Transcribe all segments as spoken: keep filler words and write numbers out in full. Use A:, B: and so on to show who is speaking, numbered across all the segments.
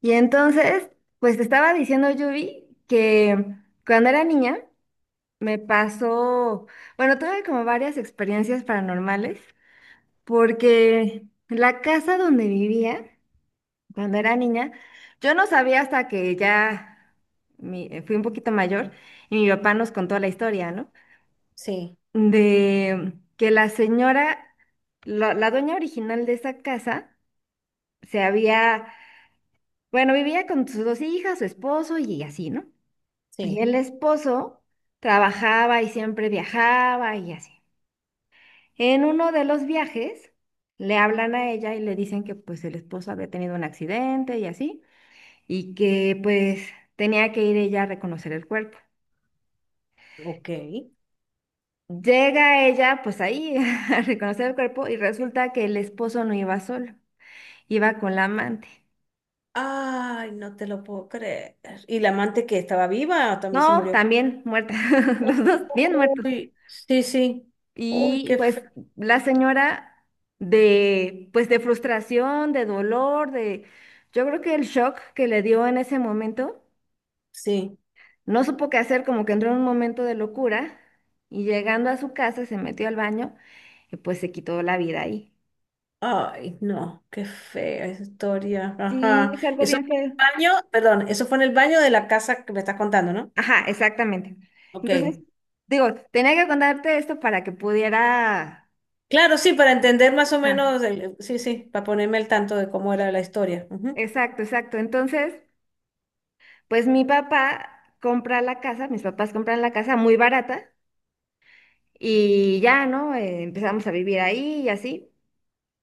A: Y entonces, pues te estaba diciendo, Yubi, que cuando era niña me pasó, bueno, tuve como varias experiencias paranormales, porque la casa donde vivía cuando era niña, yo no sabía hasta que ya mi- eh, fui un poquito mayor y mi papá nos contó la historia, ¿no?
B: Sí,
A: De que la señora, la, la dueña original de esa casa, se había, bueno, vivía con sus dos hijas, su esposo y así, ¿no? Y
B: sí,
A: el esposo trabajaba y siempre viajaba y así. En uno de los viajes le hablan a ella y le dicen que pues el esposo había tenido un accidente y así, y que pues tenía que ir ella a reconocer el cuerpo.
B: ok.
A: Llega ella pues ahí a reconocer el cuerpo y resulta que el esposo no iba solo, iba con la amante.
B: Ay, no te lo puedo creer. ¿Y la amante que estaba viva también se
A: No,
B: murió?
A: también muerta, los dos bien muertos.
B: Uy, sí, sí. Uy,
A: Y
B: qué
A: pues
B: feo.
A: la señora de, pues de frustración, de dolor, de, yo creo que el shock que le dio en ese momento,
B: Sí.
A: no supo qué hacer, como que entró en un momento de locura y llegando a su casa se metió al baño y pues se quitó la vida ahí.
B: Ay, no, qué fea esa historia.
A: Sí,
B: Ajá.
A: es algo
B: Eso
A: bien
B: fue
A: feo.
B: en el baño, perdón, eso fue en el baño de la casa que me estás contando, ¿no?
A: Ajá, exactamente.
B: Ok.
A: Entonces, digo, tenía que contarte esto para que pudiera...
B: Claro, sí, para entender más o
A: Ajá,
B: menos, el- sí, sí, para ponerme al tanto de cómo era la historia. Ujú.
A: exacto, exacto. Entonces... Pues mi papá compra la casa, mis papás compran la casa muy barata y ya, ¿no? Eh, empezamos a vivir ahí y así.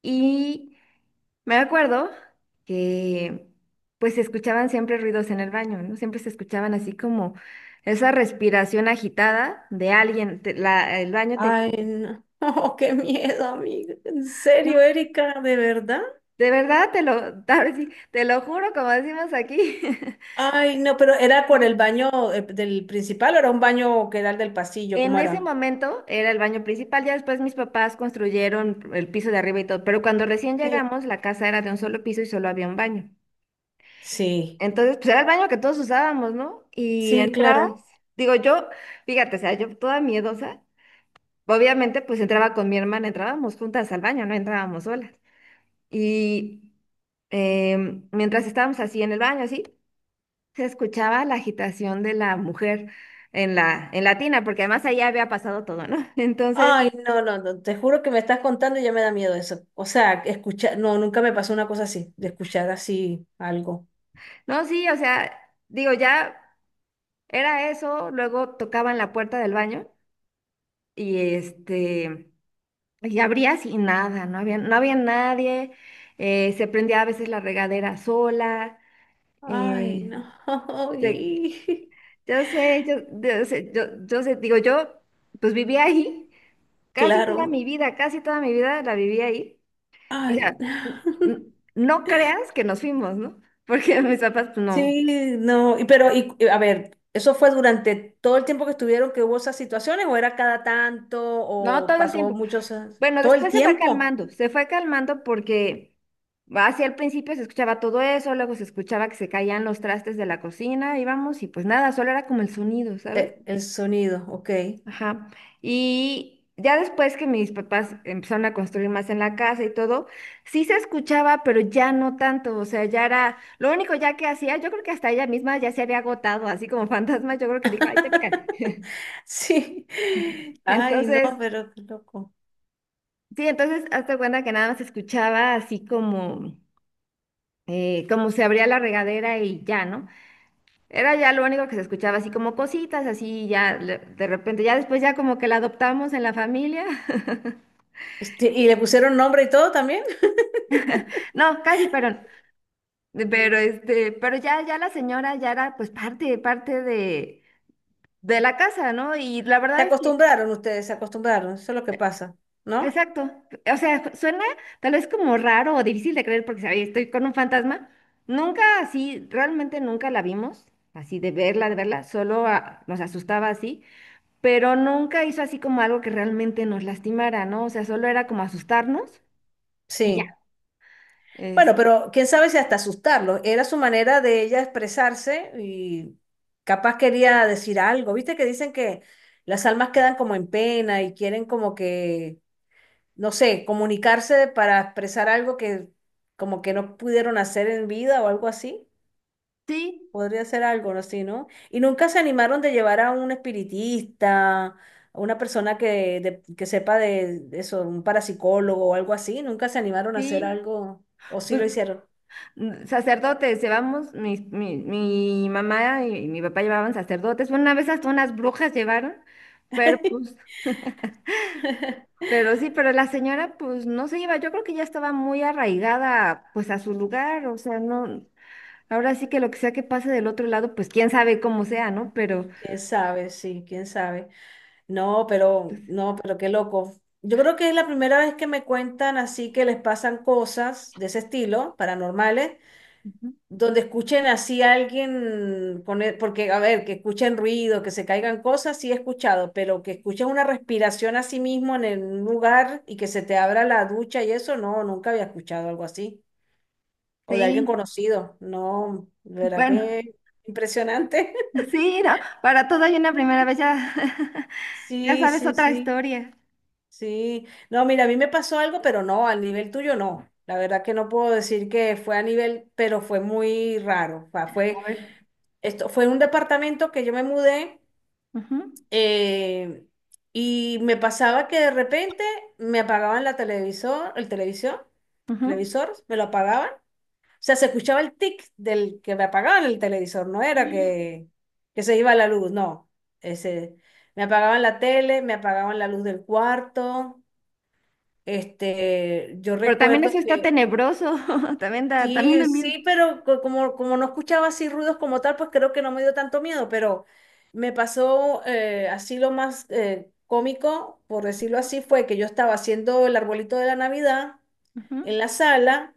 A: Y me acuerdo que pues se escuchaban siempre ruidos en el baño, ¿no? Siempre se escuchaban así como esa respiración agitada de alguien. Te- la- el baño tenía...
B: Ay, no. Qué miedo, amiga. ¿En
A: No,
B: serio, Erika? ¿De verdad?
A: de verdad, te lo, ahora sí, te lo juro, como decimos aquí.
B: Ay, no, pero ¿era por el baño eh, del principal o era un baño que era el del pasillo?
A: En
B: ¿Cómo
A: ese
B: era?
A: momento era el baño principal, ya después mis papás construyeron el piso de arriba y todo, pero cuando recién
B: Sí.
A: llegamos la casa era de un solo piso y solo había un baño.
B: Sí,
A: Entonces, pues era el baño que todos usábamos, ¿no? Y
B: sí,
A: entrabas,
B: claro.
A: digo yo, fíjate, o sea, yo toda miedosa, obviamente pues entraba con mi hermana, entrábamos juntas al baño, no entrábamos solas. Y em, mientras estábamos así en el baño, así, se escuchaba la agitación de la mujer en la, en la tina, porque además ahí había pasado todo, ¿no? Entonces...
B: Ay, no, no, no, te juro que me estás contando y ya me da miedo eso. O sea, escuchar, no, nunca me pasó una cosa así, de escuchar así algo.
A: No, sí, o sea, digo, ya era eso, luego tocaban la puerta del baño y este, y abrías y nada, no había, no había nadie, eh, se prendía a veces la regadera sola,
B: Ay,
A: eh,
B: no.
A: se- yo sé, yo, yo sé, yo, yo sé, digo, yo pues vivía ahí casi toda
B: Claro.
A: mi vida, casi toda mi vida la viví ahí. O
B: Ay.
A: sea, n- n- no creas que nos fuimos, ¿no? Porque mis papás, pues no,
B: Sí, no, y pero y, y, a ver, ¿eso fue durante todo el tiempo que estuvieron que hubo esas situaciones o era cada tanto
A: no
B: o
A: todo el
B: pasó
A: tiempo.
B: muchos años?
A: Bueno,
B: Todo el
A: después se fue
B: tiempo.
A: calmando, se fue calmando porque hacia el principio se escuchaba todo eso, luego se escuchaba que se caían los trastes de la cocina, íbamos y pues nada, solo era como el sonido, ¿sabes?
B: Eh, el sonido, ok.
A: Ajá. Y ya después que mis papás empezaron a construir más en la casa y todo, sí se escuchaba, pero ya no tanto, o sea, ya era, lo único ya que hacía, yo creo que hasta ella misma ya se había agotado, así como fantasma, yo creo que dijo, ay, ya me cansé".
B: Sí. Ay, no,
A: Entonces,
B: pero qué loco.
A: sí, entonces hazte cuenta que nada más se escuchaba así como eh, como se abría la regadera y ya, ¿no? Era ya lo único que se escuchaba, así como cositas, así ya le- de repente, ya después ya como que la adoptamos en la familia.
B: Este, y le pusieron nombre y todo también.
A: No, casi, pero, pero este, pero ya, ya la señora ya era pues parte, parte de, de la casa, ¿no? Y la
B: Se
A: verdad es que,
B: acostumbraron ustedes, se acostumbraron, eso es lo que pasa, ¿no?
A: exacto, o sea, suena tal vez como raro o difícil de creer porque, ¿sabes? Estoy con un fantasma. Nunca así, realmente nunca la vimos, así de verla, de verla, solo ah, nos asustaba así. Pero nunca hizo así como algo que realmente nos lastimara, ¿no? O sea, solo era como asustarnos y ya.
B: Sí.
A: Es,
B: Bueno, pero quién sabe si hasta asustarlos. Era su manera de ella expresarse y capaz quería decir algo. Viste que dicen que las almas quedan como en pena y quieren como que, no sé, comunicarse para expresar algo que como que no pudieron hacer en vida o algo así.
A: sí,
B: Podría ser algo así, ¿no? Y nunca se animaron de llevar a un espiritista, a una persona que, de- que sepa de de eso, un parapsicólogo o algo así. Nunca se animaron a hacer
A: sí.
B: algo, o sí
A: Pues
B: lo hicieron.
A: mm, sacerdotes, llevamos, mis- mi, mi mamá y mi papá llevaban sacerdotes. Bueno, una vez hasta unas brujas llevaron, pero pues, pero sí, pero la señora pues no se iba. Yo creo que ya estaba muy arraigada pues a su lugar, o sea, no, ahora sí que lo que sea que pase del otro lado, pues quién sabe cómo sea, ¿no? Pero
B: Quién sabe, sí, quién sabe. No, pero, no, pero qué loco. Yo creo que es la primera vez que me cuentan así que les pasan cosas de ese estilo, paranormales,
A: ujú.
B: donde escuchen así a alguien con e- porque, a ver, que escuchen ruido, que se caigan cosas, sí he escuchado, pero que escuchen una respiración a sí mismo en el- un lugar y que se te abra la ducha y eso, no, nunca había escuchado algo así. O de alguien
A: Sí,
B: conocido, no, de verdad
A: bueno.
B: que impresionante.
A: Sí, no, para todo hay una primera vez, ya, ya
B: Sí,
A: sabes
B: sí,
A: otra
B: sí.
A: historia.
B: Sí, no, mira, a mí me pasó algo, pero no, al nivel tuyo no. La verdad que no puedo decir que fue a nivel, pero fue muy raro. O sea,
A: A
B: fue,
A: ver.
B: esto, fue un departamento que yo me mudé,
A: Ujú,
B: eh, y me pasaba que de repente me apagaban la televisor, el televisor,
A: ujú.
B: televisor, me lo apagaban. O sea, se escuchaba el tic del que me apagaban el televisor, no era que, que se iba la luz, no. Ese, me apagaban la tele, me apagaban la luz del cuarto. Este, yo
A: Pero también
B: recuerdo
A: eso está
B: que
A: tenebroso, también da, también
B: sí,
A: da miedo.
B: sí, pero co- como, como no escuchaba así ruidos como tal, pues creo que no me dio tanto miedo, pero me pasó eh, así lo más eh, cómico, por decirlo así, fue que yo estaba haciendo el arbolito de la Navidad en
A: Ujú.
B: la sala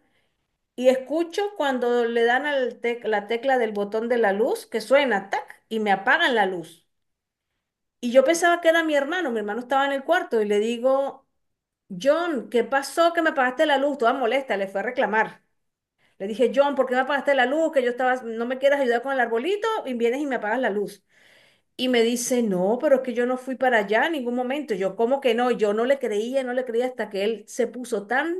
B: y escucho cuando le dan al tec- la tecla del botón de la luz que suena, tac, y me apagan la luz. Y yo pensaba que era mi hermano, mi hermano estaba en el cuarto y le digo, John, ¿qué pasó que me apagaste la luz? Toda molesta, le fue a reclamar. Le dije, John, ¿por qué me apagaste la luz? Que yo estaba, no me quieres ayudar con el arbolito y vienes y me apagas la luz. Y me dice, no, pero es que yo no fui para allá en ningún momento. Yo, ¿cómo que no? Yo no le creía, no le creía hasta que él se puso tan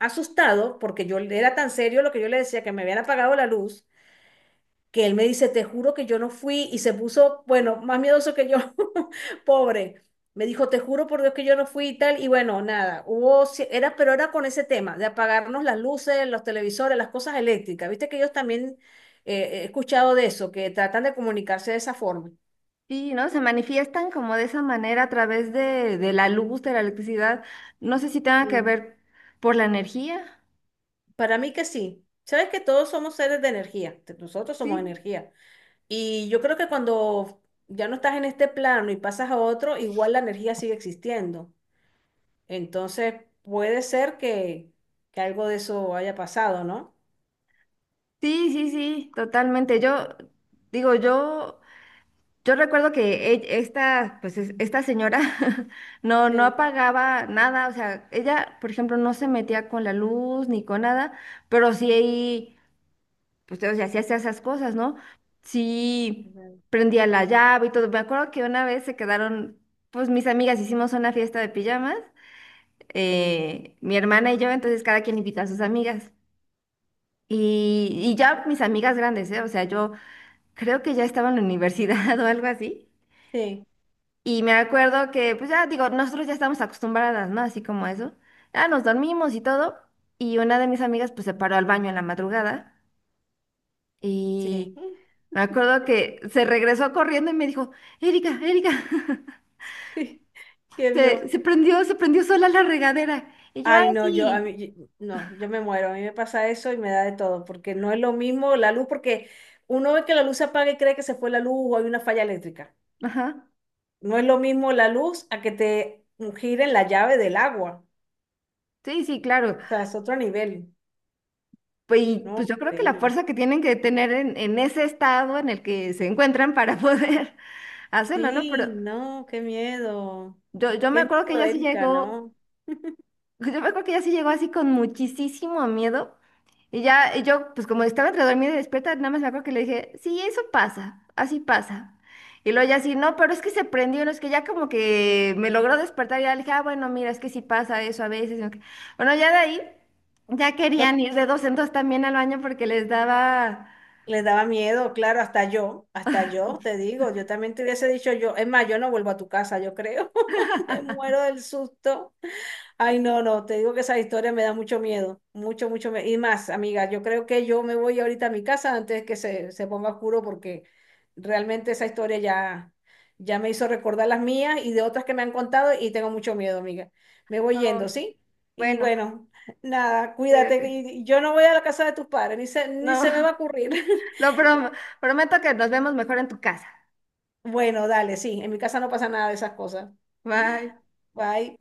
B: asustado porque yo era tan serio lo que yo le decía que me habían apagado la luz que él me dice, te juro que yo no fui, y se puso, bueno, más miedoso que yo, pobre. Me dijo, te juro por Dios que yo no fui y tal, y bueno, nada, hubo, ci- era, pero era con ese tema, de apagarnos las luces, los televisores, las cosas eléctricas. Viste que ellos también eh, eh, he escuchado de eso, que tratan de comunicarse de esa forma.
A: Sí, ¿no? Se manifiestan como de esa manera a través de, de la luz, de la electricidad. No sé si tenga que
B: Sí.
A: ver por la energía.
B: Para mí que sí. Sabes que todos somos seres de energía, t- nosotros somos
A: Sí.
B: energía. Y yo creo que cuando ya no estás en este plano y pasas a otro, igual la energía sigue existiendo. Entonces, puede ser que, que algo de eso haya pasado, ¿no?
A: Sí, sí, sí, totalmente. Yo digo, yo Yo recuerdo que e- esta, pues es- esta señora no, no
B: Sí,
A: apagaba nada, o sea, ella, por ejemplo, no se metía con la luz ni con nada, pero sí, ahí, pues, o sea, sí hacía esas cosas, ¿no? Sí
B: ujú,
A: prendía la llave y todo. Me acuerdo que una vez se quedaron, pues mis amigas hicimos una fiesta de pijamas, eh, mi hermana y yo, entonces cada quien invita a sus amigas. Y, y ya mis amigas grandes, ¿eh? O sea, yo creo que ya estaba en la universidad o algo así.
B: sí,
A: Y me acuerdo que, pues ya digo, nosotros ya estamos acostumbradas, ¿no? Así como eso. Ya nos dormimos y todo. Y una de mis amigas, pues se paró al baño en la madrugada.
B: sí.
A: Y me acuerdo que se regresó corriendo y me dijo, Erika, Erika,
B: ¿Qué
A: se,
B: vio?
A: se prendió, se prendió sola la regadera. Y yo, ah,
B: Ay, no, yo, a
A: sí.
B: mí, y- no, yo me muero, a mí me pasa eso y me da de todo, porque no es lo mismo la luz, porque uno ve que la luz se apaga y cree que se fue la luz o hay una falla eléctrica.
A: Ajá.
B: No es lo mismo la luz a que te giren la llave del agua.
A: Sí, sí, claro.
B: O sea, es otro nivel,
A: Pues, y,
B: ¿no?
A: pues yo creo que la
B: Increíble.
A: fuerza que tienen que tener en, en ese estado en el que se encuentran para poder hacerlo, ¿no? Pero
B: Sí, no, qué miedo.
A: yo, yo me
B: Qué
A: acuerdo que
B: miedo,
A: ella sí
B: Erika,
A: llegó.
B: ¿no?
A: Pues, yo me acuerdo que ella sí llegó así con muchísimo miedo. Y ya, y yo, pues como estaba entre dormida y despierta, nada más me acuerdo que le dije, sí, eso pasa, así pasa. Y luego ya así, no, pero es que se prendió, no es que ya como que me logró despertar y ya le dije, ah, bueno, mira, es que sí pasa eso a veces. ¿No? Bueno, ya de ahí, ya querían
B: No,
A: ir de dos en dos también al baño porque les daba,
B: les daba miedo, claro, hasta yo, hasta yo, te digo, yo también te hubiese dicho yo, es más, yo no vuelvo a tu casa, yo creo. Me muero del susto. Ay, no, no, te digo que esa historia me da mucho miedo, mucho, mucho miedo. Y más, amiga, yo creo que yo me voy ahorita a mi casa antes que se, se ponga oscuro porque realmente esa historia ya, ya me hizo recordar las mías y de otras que me han contado y tengo mucho miedo, amiga. Me voy yendo,
A: "Oh,
B: ¿sí? Y
A: bueno,
B: bueno, nada, cuídate, que
A: cuídate.
B: y yo no voy a la casa de tus padres, ni se, ni
A: No,
B: se me va a ocurrir.
A: lo prom- prometo que nos vemos mejor en tu casa.
B: Bueno, dale, sí, en mi casa no pasa nada de esas cosas.
A: Bye.
B: Bye.